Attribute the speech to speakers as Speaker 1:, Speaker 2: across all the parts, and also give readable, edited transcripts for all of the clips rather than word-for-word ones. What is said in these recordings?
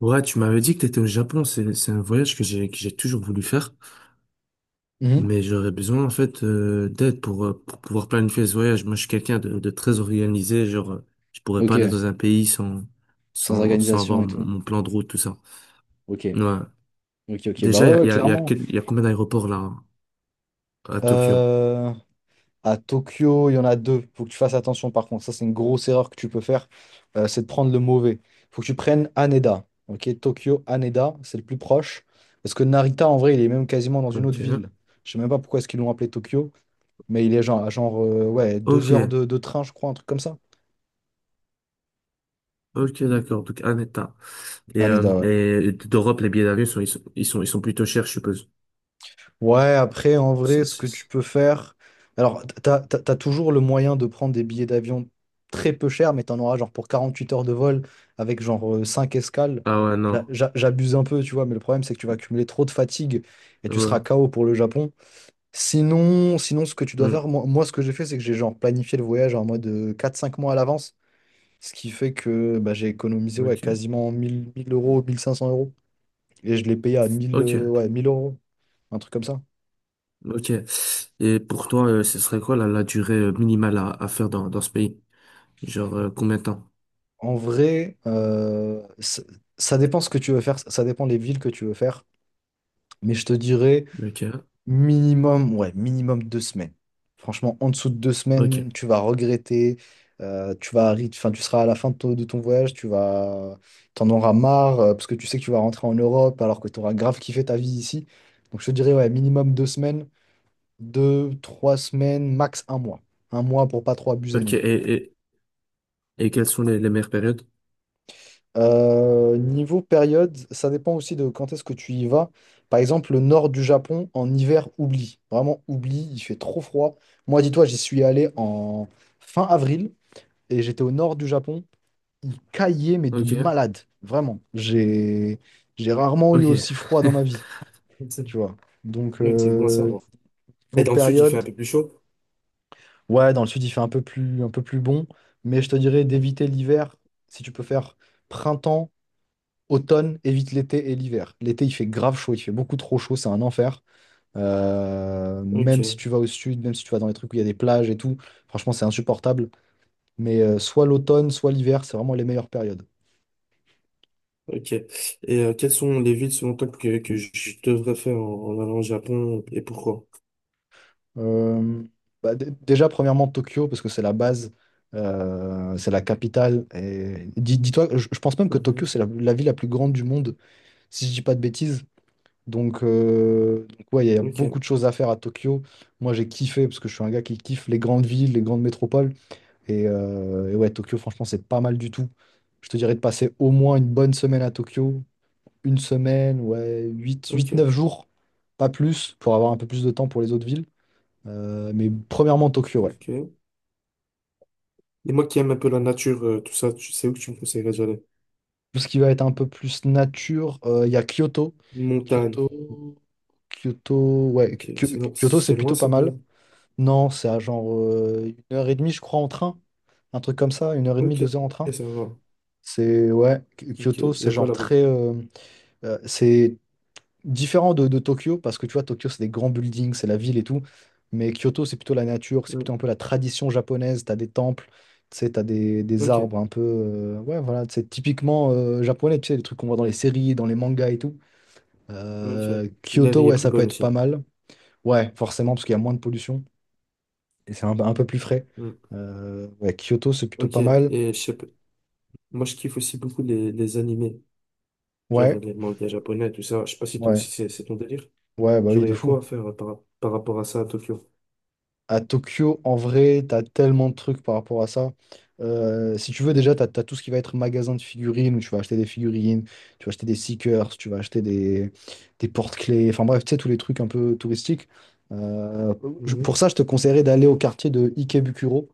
Speaker 1: Ouais, tu m'avais dit que t'étais au Japon, c'est un voyage que j'ai toujours voulu faire,
Speaker 2: Mhm.
Speaker 1: mais j'aurais besoin en fait d'aide pour pouvoir planifier ce voyage. Moi, je suis quelqu'un de très organisé, genre je pourrais pas aller
Speaker 2: Ok,
Speaker 1: dans un pays sans
Speaker 2: sans
Speaker 1: sans
Speaker 2: organisation
Speaker 1: avoir
Speaker 2: et
Speaker 1: mon,
Speaker 2: tout.
Speaker 1: mon plan de route tout ça.
Speaker 2: Ok,
Speaker 1: Ouais.
Speaker 2: ok, ok. Bah ouais,
Speaker 1: Déjà,
Speaker 2: ouais,
Speaker 1: il y a il y a, il y a
Speaker 2: clairement.
Speaker 1: quel- il y a combien d'aéroports là à Tokyo?
Speaker 2: Euh, à Tokyo, il y en a deux. Faut que tu fasses attention par contre. Ça, c'est une grosse erreur que tu peux faire. C'est de prendre le mauvais. Faut que tu prennes Haneda. Ok, Tokyo, Haneda, c'est le plus proche. Parce que Narita, en vrai, il est même quasiment dans une autre
Speaker 1: Ok.
Speaker 2: ville. Je sais même pas pourquoi est-ce qu'ils l'ont appelé Tokyo, mais il est genre, ouais,
Speaker 1: Ok,
Speaker 2: deux heures de train, je crois, un truc comme ça.
Speaker 1: ok, d'accord. Donc un état.
Speaker 2: Haneda, ouais.
Speaker 1: Et d'Europe, les billets d'avion sont ils sont ils sont ils sont plutôt chers, je suppose.
Speaker 2: Ouais, après, en vrai,
Speaker 1: C'est-
Speaker 2: ce que
Speaker 1: c'est-
Speaker 2: tu
Speaker 1: c'est-
Speaker 2: peux faire. Alors, t'as toujours le moyen de prendre des billets d'avion très peu chers, mais t'en auras genre pour 48 heures de vol avec genre 5 escales.
Speaker 1: Ah ouais, non.
Speaker 2: J'abuse un peu, tu vois, mais le problème, c'est que tu vas accumuler trop de fatigue et tu seras
Speaker 1: Ouais.
Speaker 2: KO pour le Japon. Sinon, ce que tu dois
Speaker 1: Hmm.
Speaker 2: faire, moi, ce que j'ai fait, c'est que j'ai genre planifié le voyage en mode quatre cinq mois à l'avance, ce qui fait que bah, j'ai économisé ouais,
Speaker 1: Ok.
Speaker 2: quasiment mille euros, 1500 euros, et je l'ai payé à mille euh,
Speaker 1: Ok.
Speaker 2: ouais, mille euros, un truc comme ça.
Speaker 1: Ok. Et pour toi, ce serait quoi la durée minimale à faire dans ce pays? Genre, combien de temps?
Speaker 2: En vrai, ça, ça dépend ce que tu veux faire, ça dépend les villes que tu veux faire, mais je te dirais
Speaker 1: Ok.
Speaker 2: minimum, ouais, minimum 2 semaines. Franchement, en dessous de deux
Speaker 1: Ok.
Speaker 2: semaines, tu vas regretter, tu vas, enfin, tu seras à la fin de ton voyage, tu vas, t'en auras marre, parce que tu sais que tu vas rentrer en Europe alors que tu auras grave kiffé ta vie ici. Donc je te dirais, ouais, minimum deux semaines, deux, trois semaines, max un mois. Un mois pour pas trop abuser
Speaker 1: Ok.
Speaker 2: non plus.
Speaker 1: Et quelles sont les meilleures périodes?
Speaker 2: Niveau période, ça dépend aussi de quand est-ce que tu y vas. Par exemple, le nord du Japon, en hiver, oublie. Vraiment, oublie, il fait trop froid. Moi, dis-toi, j'y suis allé en fin avril et j'étais au nord du Japon. Il caillait, mais de
Speaker 1: Ok.
Speaker 2: malade. Vraiment. J'ai rarement eu aussi
Speaker 1: Ok.
Speaker 2: froid dans ma vie,
Speaker 1: C'est
Speaker 2: tu vois. Donc,
Speaker 1: donc c'est bon à savoir. Et
Speaker 2: niveau
Speaker 1: dans le sud, il fait
Speaker 2: période,
Speaker 1: un peu plus chaud?
Speaker 2: ouais, dans le sud, il fait un peu plus bon. Mais je te dirais d'éviter l'hiver si tu peux faire printemps, automne. Évite l'été et l'hiver. L'été, il fait grave chaud, il fait beaucoup trop chaud, c'est un enfer. Même si
Speaker 1: Ok.
Speaker 2: tu vas au sud, même si tu vas dans les trucs où il y a des plages et tout, franchement, c'est insupportable. Mais soit l'automne, soit l'hiver, c'est vraiment les meilleures périodes.
Speaker 1: Ok. Et quelles sont les villes selon toi que je devrais faire en, en allant au Japon et pourquoi?
Speaker 2: Euh, Déjà, premièrement, Tokyo, parce que c'est la base, c'est la capitale. Et dis-toi, je pense même que
Speaker 1: Mhm.
Speaker 2: Tokyo, c'est la ville la plus grande du monde, si je dis pas de bêtises. Donc, ouais, il y a beaucoup
Speaker 1: Ok.
Speaker 2: de choses à faire à Tokyo. Moi, j'ai kiffé parce que je suis un gars qui kiffe les grandes villes, les grandes métropoles. Et ouais, Tokyo, franchement, c'est pas mal du tout. Je te dirais de passer au moins une bonne semaine à Tokyo. Une semaine, ouais, huit,
Speaker 1: Ok.
Speaker 2: neuf jours, pas plus, pour avoir un peu plus de temps pour les autres villes. Mais premièrement, Tokyo, ouais.
Speaker 1: Ok. Et moi qui aime un peu la nature, tout ça, tu sais où que tu me conseillerais d'aller?
Speaker 2: Tout ce qui va être un peu plus nature, il y a Kyoto.
Speaker 1: Montagne.
Speaker 2: Kyoto,
Speaker 1: Ok.
Speaker 2: Kyoto, c'est
Speaker 1: C'est loin
Speaker 2: plutôt pas
Speaker 1: ça
Speaker 2: mal.
Speaker 1: de.
Speaker 2: Non, c'est à genre une heure et demie, je crois, en train. Un truc comme ça, une heure et demie,
Speaker 1: Ok,
Speaker 2: 2 heures en train.
Speaker 1: ça va.
Speaker 2: C'est,
Speaker 1: Ok,
Speaker 2: Kyoto,
Speaker 1: il y
Speaker 2: c'est
Speaker 1: a quoi
Speaker 2: genre
Speaker 1: là-bas?
Speaker 2: très. C'est différent de Tokyo, parce que tu vois, Tokyo, c'est des grands buildings, c'est la ville et tout. Mais Kyoto, c'est plutôt la nature, c'est
Speaker 1: Hmm.
Speaker 2: plutôt un peu la tradition japonaise. T'as des temples, tu sais, t'as des
Speaker 1: Ok,
Speaker 2: arbres un peu. Ouais, voilà, c'est typiquement japonais, tu sais, les trucs qu'on voit dans les séries, dans les mangas et tout.
Speaker 1: ok. L'air
Speaker 2: Kyoto,
Speaker 1: y est
Speaker 2: ouais,
Speaker 1: plus
Speaker 2: ça peut
Speaker 1: bonne
Speaker 2: être pas
Speaker 1: aussi.
Speaker 2: mal. Ouais, forcément, parce qu'il y a moins de pollution. Et c'est un peu plus frais.
Speaker 1: Hmm.
Speaker 2: Ouais, Kyoto, c'est plutôt
Speaker 1: Ok,
Speaker 2: pas mal.
Speaker 1: et je sais pas- moi je kiffe aussi beaucoup les animés, genre
Speaker 2: Ouais,
Speaker 1: les mangas japonais, tout ça. Je sais pas si toi aussi
Speaker 2: ouais,
Speaker 1: c'est ton délire.
Speaker 2: ouais, bah oui,
Speaker 1: Genre, il y
Speaker 2: de
Speaker 1: a
Speaker 2: fou.
Speaker 1: quoi à faire par, par rapport à ça à Tokyo?
Speaker 2: À Tokyo, en vrai, t'as tellement de trucs par rapport à ça. Si tu veux, déjà, t'as tout ce qui va être magasin de figurines, où tu vas acheter des figurines, tu vas acheter des seekers, tu vas acheter des porte-clés, enfin bref, tu sais, tous les trucs un peu touristiques. Euh, pour
Speaker 1: Mhm.
Speaker 2: ça, je te conseillerais d'aller au quartier de Ikebukuro.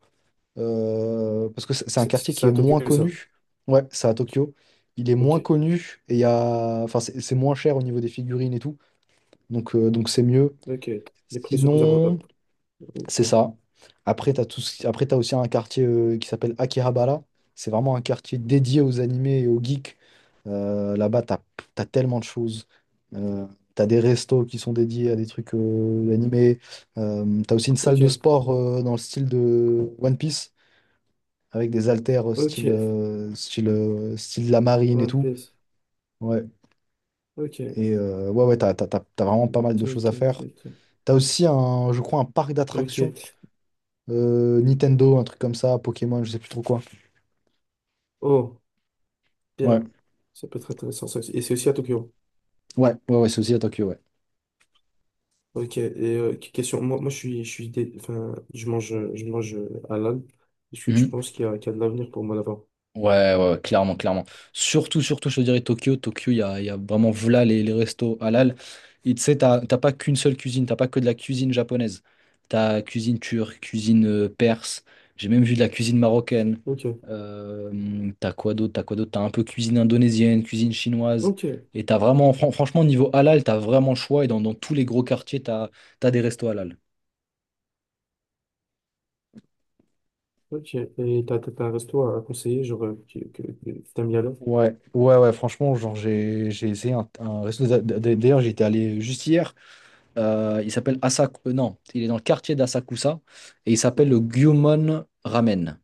Speaker 2: Parce que c'est un quartier qui
Speaker 1: C'est
Speaker 2: est
Speaker 1: à
Speaker 2: moins
Speaker 1: Tokyo ça.
Speaker 2: connu. Ouais, c'est à Tokyo. Il est
Speaker 1: Ok,
Speaker 2: moins connu et il y a, enfin, c'est moins cher au niveau des figurines et tout. Donc c'est mieux.
Speaker 1: ok. Les prix sont plus
Speaker 2: Sinon,
Speaker 1: abordables. Ok,
Speaker 2: c'est ça. Après, t'as tout... ce qui- après, t'as aussi un quartier qui s'appelle Akihabara. C'est vraiment un quartier dédié aux animés et aux geeks. Là-bas, t'as tellement de choses. Euh, T'as des restos qui sont dédiés à des trucs animés. T'as aussi une salle de
Speaker 1: ok,
Speaker 2: sport dans le style de One Piece avec des haltères
Speaker 1: ok.
Speaker 2: style de la marine et
Speaker 1: One
Speaker 2: tout.
Speaker 1: Piece.
Speaker 2: Ouais.
Speaker 1: Ok,
Speaker 2: Et ouais, ouais, t'as vraiment pas mal
Speaker 1: ok,
Speaker 2: de choses
Speaker 1: ok,
Speaker 2: à faire.
Speaker 1: ok.
Speaker 2: T'as aussi un, je crois, un parc
Speaker 1: Ok,
Speaker 2: d'attractions
Speaker 1: ok.
Speaker 2: Nintendo, un truc comme ça, Pokémon, je sais plus trop quoi.
Speaker 1: Oh,
Speaker 2: Ouais,
Speaker 1: bien. Ça peut être intéressant ça aussi. Et c'est aussi à Tokyo.
Speaker 2: ouais, ouais, ouais, c'est aussi à Tokyo, ouais.
Speaker 1: Ok, et question, moi enfin, je mange halal. Est-ce que tu
Speaker 2: Mhm.
Speaker 1: penses qu'il y a de l'avenir pour moi là-bas?
Speaker 2: Ouais, ouais, ouais, clairement, clairement. Surtout, surtout, je te dirais Tokyo. Tokyo, il y a vraiment voilà les restos halal. Et tu sais, t'as pas qu'une seule cuisine, t'as pas que de la cuisine japonaise. T'as cuisine turque, cuisine perse. J'ai même vu de la cuisine marocaine.
Speaker 1: Ok,
Speaker 2: T'as quoi d'autre? T'as quoi d'autre? T'as un peu cuisine indonésienne, cuisine chinoise.
Speaker 1: ok,
Speaker 2: Et t'as vraiment, franchement, niveau halal, t'as vraiment le choix. Et dans tous les gros quartiers, t'as des restos halal.
Speaker 1: ok. Et t'as un resto à conseiller, genre, que t'aimes y aller?
Speaker 2: Ouais, ouais, ouais, franchement, genre, j'ai essayé un resto. D'ailleurs, j'étais allé juste hier. Il s'appelle Asak. Non, il est dans le quartier d'Asakusa et il s'appelle le Gyumon Ramen.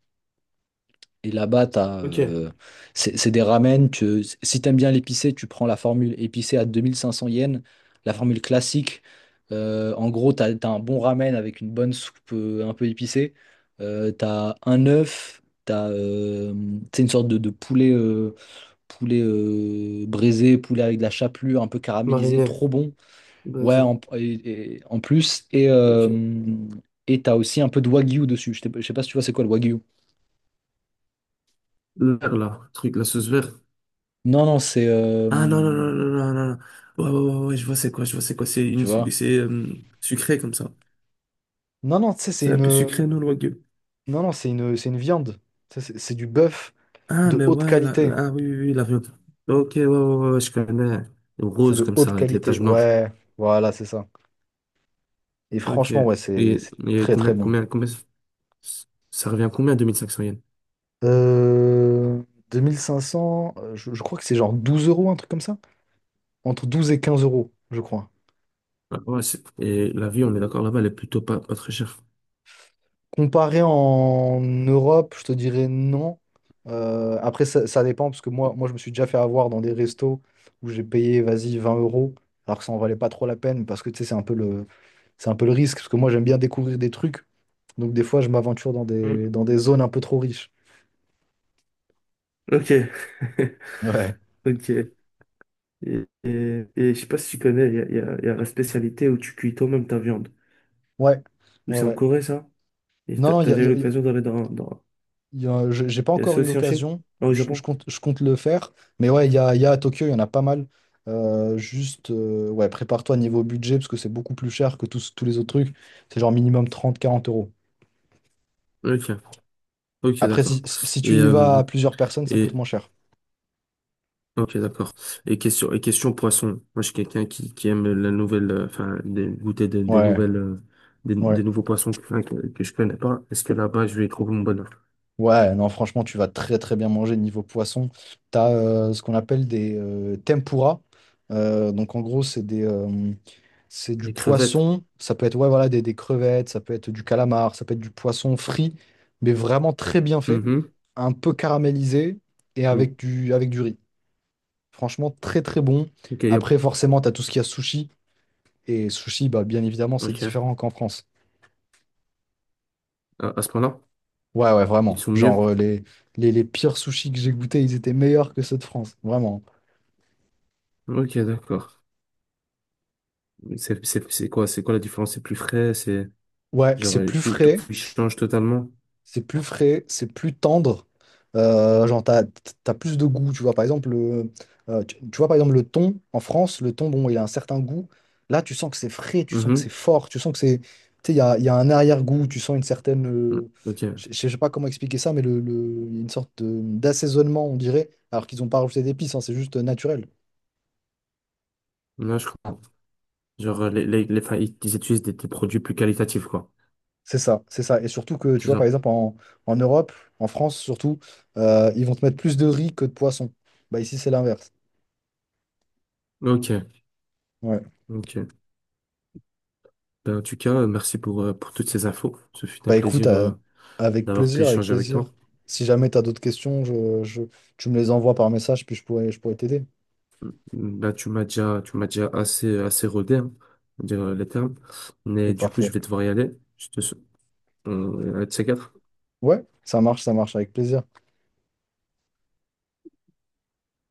Speaker 2: Et là-bas,
Speaker 1: Ok,
Speaker 2: c'est des ramen. Si t'aimes bien l'épicé, tu prends la formule épicée à 2500 yens, la formule classique. En gros, t'as un bon ramen avec une bonne soupe un peu épicée. T'as un œuf, c'est une sorte de poulet, poulet braisé, poulet avec de la chapelure un peu caramélisée,
Speaker 1: mariné,
Speaker 2: trop bon. Ouais,
Speaker 1: brésil,
Speaker 2: en plus.
Speaker 1: ok.
Speaker 2: Et t'as aussi un peu de wagyu dessus. Je sais pas si tu vois c'est quoi le wagyu.
Speaker 1: Le vert, là, le truc, la sauce verte.
Speaker 2: Non, non, c'est.
Speaker 1: Ah non, non, non, non, non, non, non. Ouais, ouais, ouais, ouais, je vois c'est quoi. C'est une,
Speaker 2: Tu vois?
Speaker 1: c'est sucré comme ça.
Speaker 2: Non, non, tu sais, c'est
Speaker 1: C'est un peu
Speaker 2: une.
Speaker 1: sucré, non, le wagyu?
Speaker 2: Non, non, c'est une viande. Tu sais, c'est du bœuf
Speaker 1: Ah,
Speaker 2: de
Speaker 1: mais
Speaker 2: haute
Speaker 1: ouais,
Speaker 2: qualité.
Speaker 1: ah oui, oui, oui, l'avion. Ok, ouais, ouais, ouais, ouais, je connais.
Speaker 2: C'est
Speaker 1: Rose,
Speaker 2: de
Speaker 1: comme ça,
Speaker 2: haute
Speaker 1: avec les
Speaker 2: qualité.
Speaker 1: taches blanches.
Speaker 2: Ouais, voilà, c'est ça. Et
Speaker 1: Ok.
Speaker 2: franchement, ouais, c'est
Speaker 1: Et,
Speaker 2: c'est très, très bon.
Speaker 1: combien, ça revient à combien, 2500 yens?
Speaker 2: Euh, 2500, je crois que c'est genre 12 euros, un truc comme ça. Entre 12 et 15 euros, je crois.
Speaker 1: Ah, ouais, et la vie, on est d'accord, là-bas, elle est plutôt pas très chère.
Speaker 2: Comparé en Europe, je te dirais non. Après, ça dépend, parce que moi, je me suis déjà fait avoir dans des restos où j'ai payé, vas-y, 20 euros, alors que ça en valait pas trop la peine, parce que tu sais, c'est un peu le risque, parce que moi, j'aime bien découvrir des trucs. Donc, des fois, je m'aventure dans des,
Speaker 1: Mm.
Speaker 2: dans des zones un peu trop riches.
Speaker 1: Ok.
Speaker 2: Ouais.
Speaker 1: Ok. Et je sais pas si tu connais, il y a la spécialité où tu cuis toi-même ta viande.
Speaker 2: Ouais,
Speaker 1: Ou
Speaker 2: ouais,
Speaker 1: c'est en
Speaker 2: ouais.
Speaker 1: Corée, ça? Et
Speaker 2: Non,
Speaker 1: t'as
Speaker 2: non, il
Speaker 1: t'as
Speaker 2: y a,
Speaker 1: déjà
Speaker 2: y
Speaker 1: eu
Speaker 2: a-
Speaker 1: l'occasion d'aller dans...
Speaker 2: Il y a- je- j'ai pas
Speaker 1: Il y a
Speaker 2: encore
Speaker 1: ça
Speaker 2: eu
Speaker 1: aussi en Chine?
Speaker 2: l'occasion,
Speaker 1: Ah, au Japon?
Speaker 2: je compte le faire. Mais ouais, il y a à Tokyo, il y en a pas mal. Juste, ouais, prépare-toi niveau budget, parce que c'est beaucoup plus cher que tous les autres trucs. C'est genre minimum 30-40 euros.
Speaker 1: Ok, ok,
Speaker 2: Après,
Speaker 1: d'accord.
Speaker 2: si si tu
Speaker 1: Et,
Speaker 2: y vas à plusieurs personnes, ça coûte
Speaker 1: et
Speaker 2: moins cher.
Speaker 1: ok, d'accord. Et question poisson. Moi, je suis quelqu'un qui aime la nouvelle, goûter des
Speaker 2: Ouais,
Speaker 1: nouvelles,
Speaker 2: ouais.
Speaker 1: des nouveaux poissons que je connais pas. Est-ce que là-bas, je vais y trouver mon bonheur?
Speaker 2: Ouais, non, franchement, tu vas très très bien manger niveau poisson. Tu as ce qu'on appelle des tempura. Donc en gros, c'est du
Speaker 1: Les crevettes.
Speaker 2: poisson. Ça peut être ouais, voilà, des crevettes, ça peut être du calamar, ça peut être du poisson frit, mais vraiment très bien fait,
Speaker 1: Mhm.
Speaker 2: un peu caramélisé et
Speaker 1: Mm.
Speaker 2: avec du riz. Franchement, très très bon.
Speaker 1: Ok,
Speaker 2: Après, forcément, tu as tout ce qu'il y a sushi. Et sushi, bah, bien évidemment, c'est
Speaker 1: ok.
Speaker 2: différent qu'en France.
Speaker 1: À ce point-là,
Speaker 2: Ouais, ouais,
Speaker 1: ils
Speaker 2: vraiment.
Speaker 1: sont
Speaker 2: Genre,
Speaker 1: mieux.
Speaker 2: les pires sushis que j'ai goûtés, ils étaient meilleurs que ceux de France. Vraiment.
Speaker 1: Ok, d'accord. Mais c'est, c'est quoi la différence? C'est plus frais, c'est,
Speaker 2: Ouais,
Speaker 1: genre,
Speaker 2: c'est plus
Speaker 1: tout, tout
Speaker 2: frais,
Speaker 1: change totalement.
Speaker 2: c'est plus tendre. Genre, t'as plus de goût, tu vois. Par exemple, tu vois, par exemple, le thon, en France, le thon, bon, il a un certain goût. Là, tu sens que c'est frais, tu sens que c'est
Speaker 1: Mhm.
Speaker 2: fort, tu sens que c'est. Tu sais, il y a un arrière-goût, tu sens une
Speaker 1: Mm.
Speaker 2: je
Speaker 1: Ok.
Speaker 2: je sais pas comment expliquer ça, mais il y a une sorte d'assaisonnement, on dirait, alors qu'ils n'ont pas rajouté d'épices, hein, c'est juste naturel.
Speaker 1: Là, je comprends. Genre, les, enfin, ils ils utilisent des produits plus qualitatifs, quoi.
Speaker 2: C'est ça, c'est ça. Et surtout que, tu
Speaker 1: C'est
Speaker 2: vois, par
Speaker 1: ça.
Speaker 2: exemple, en Europe, en France surtout, ils vont te mettre plus de riz que de poisson. Bah ici, c'est l'inverse.
Speaker 1: Ok,
Speaker 2: Ouais.
Speaker 1: ok. Ben, en tout cas, merci pour toutes ces infos. Ce fut un
Speaker 2: Bah écoute,
Speaker 1: plaisir
Speaker 2: avec
Speaker 1: d'avoir pu
Speaker 2: plaisir, avec
Speaker 1: échanger avec
Speaker 2: plaisir.
Speaker 1: toi.
Speaker 2: Si jamais tu as d'autres questions, tu me les envoies par message, puis je pourrais t'aider.
Speaker 1: Mmh. Tu m'as déjà assez rodé, hein, pour dire les termes. Mais
Speaker 2: C'est
Speaker 1: du coup, je
Speaker 2: parfait.
Speaker 1: vais devoir y aller. Je te, sou- on- à de ces quatre.
Speaker 2: Ouais, ça marche, avec plaisir.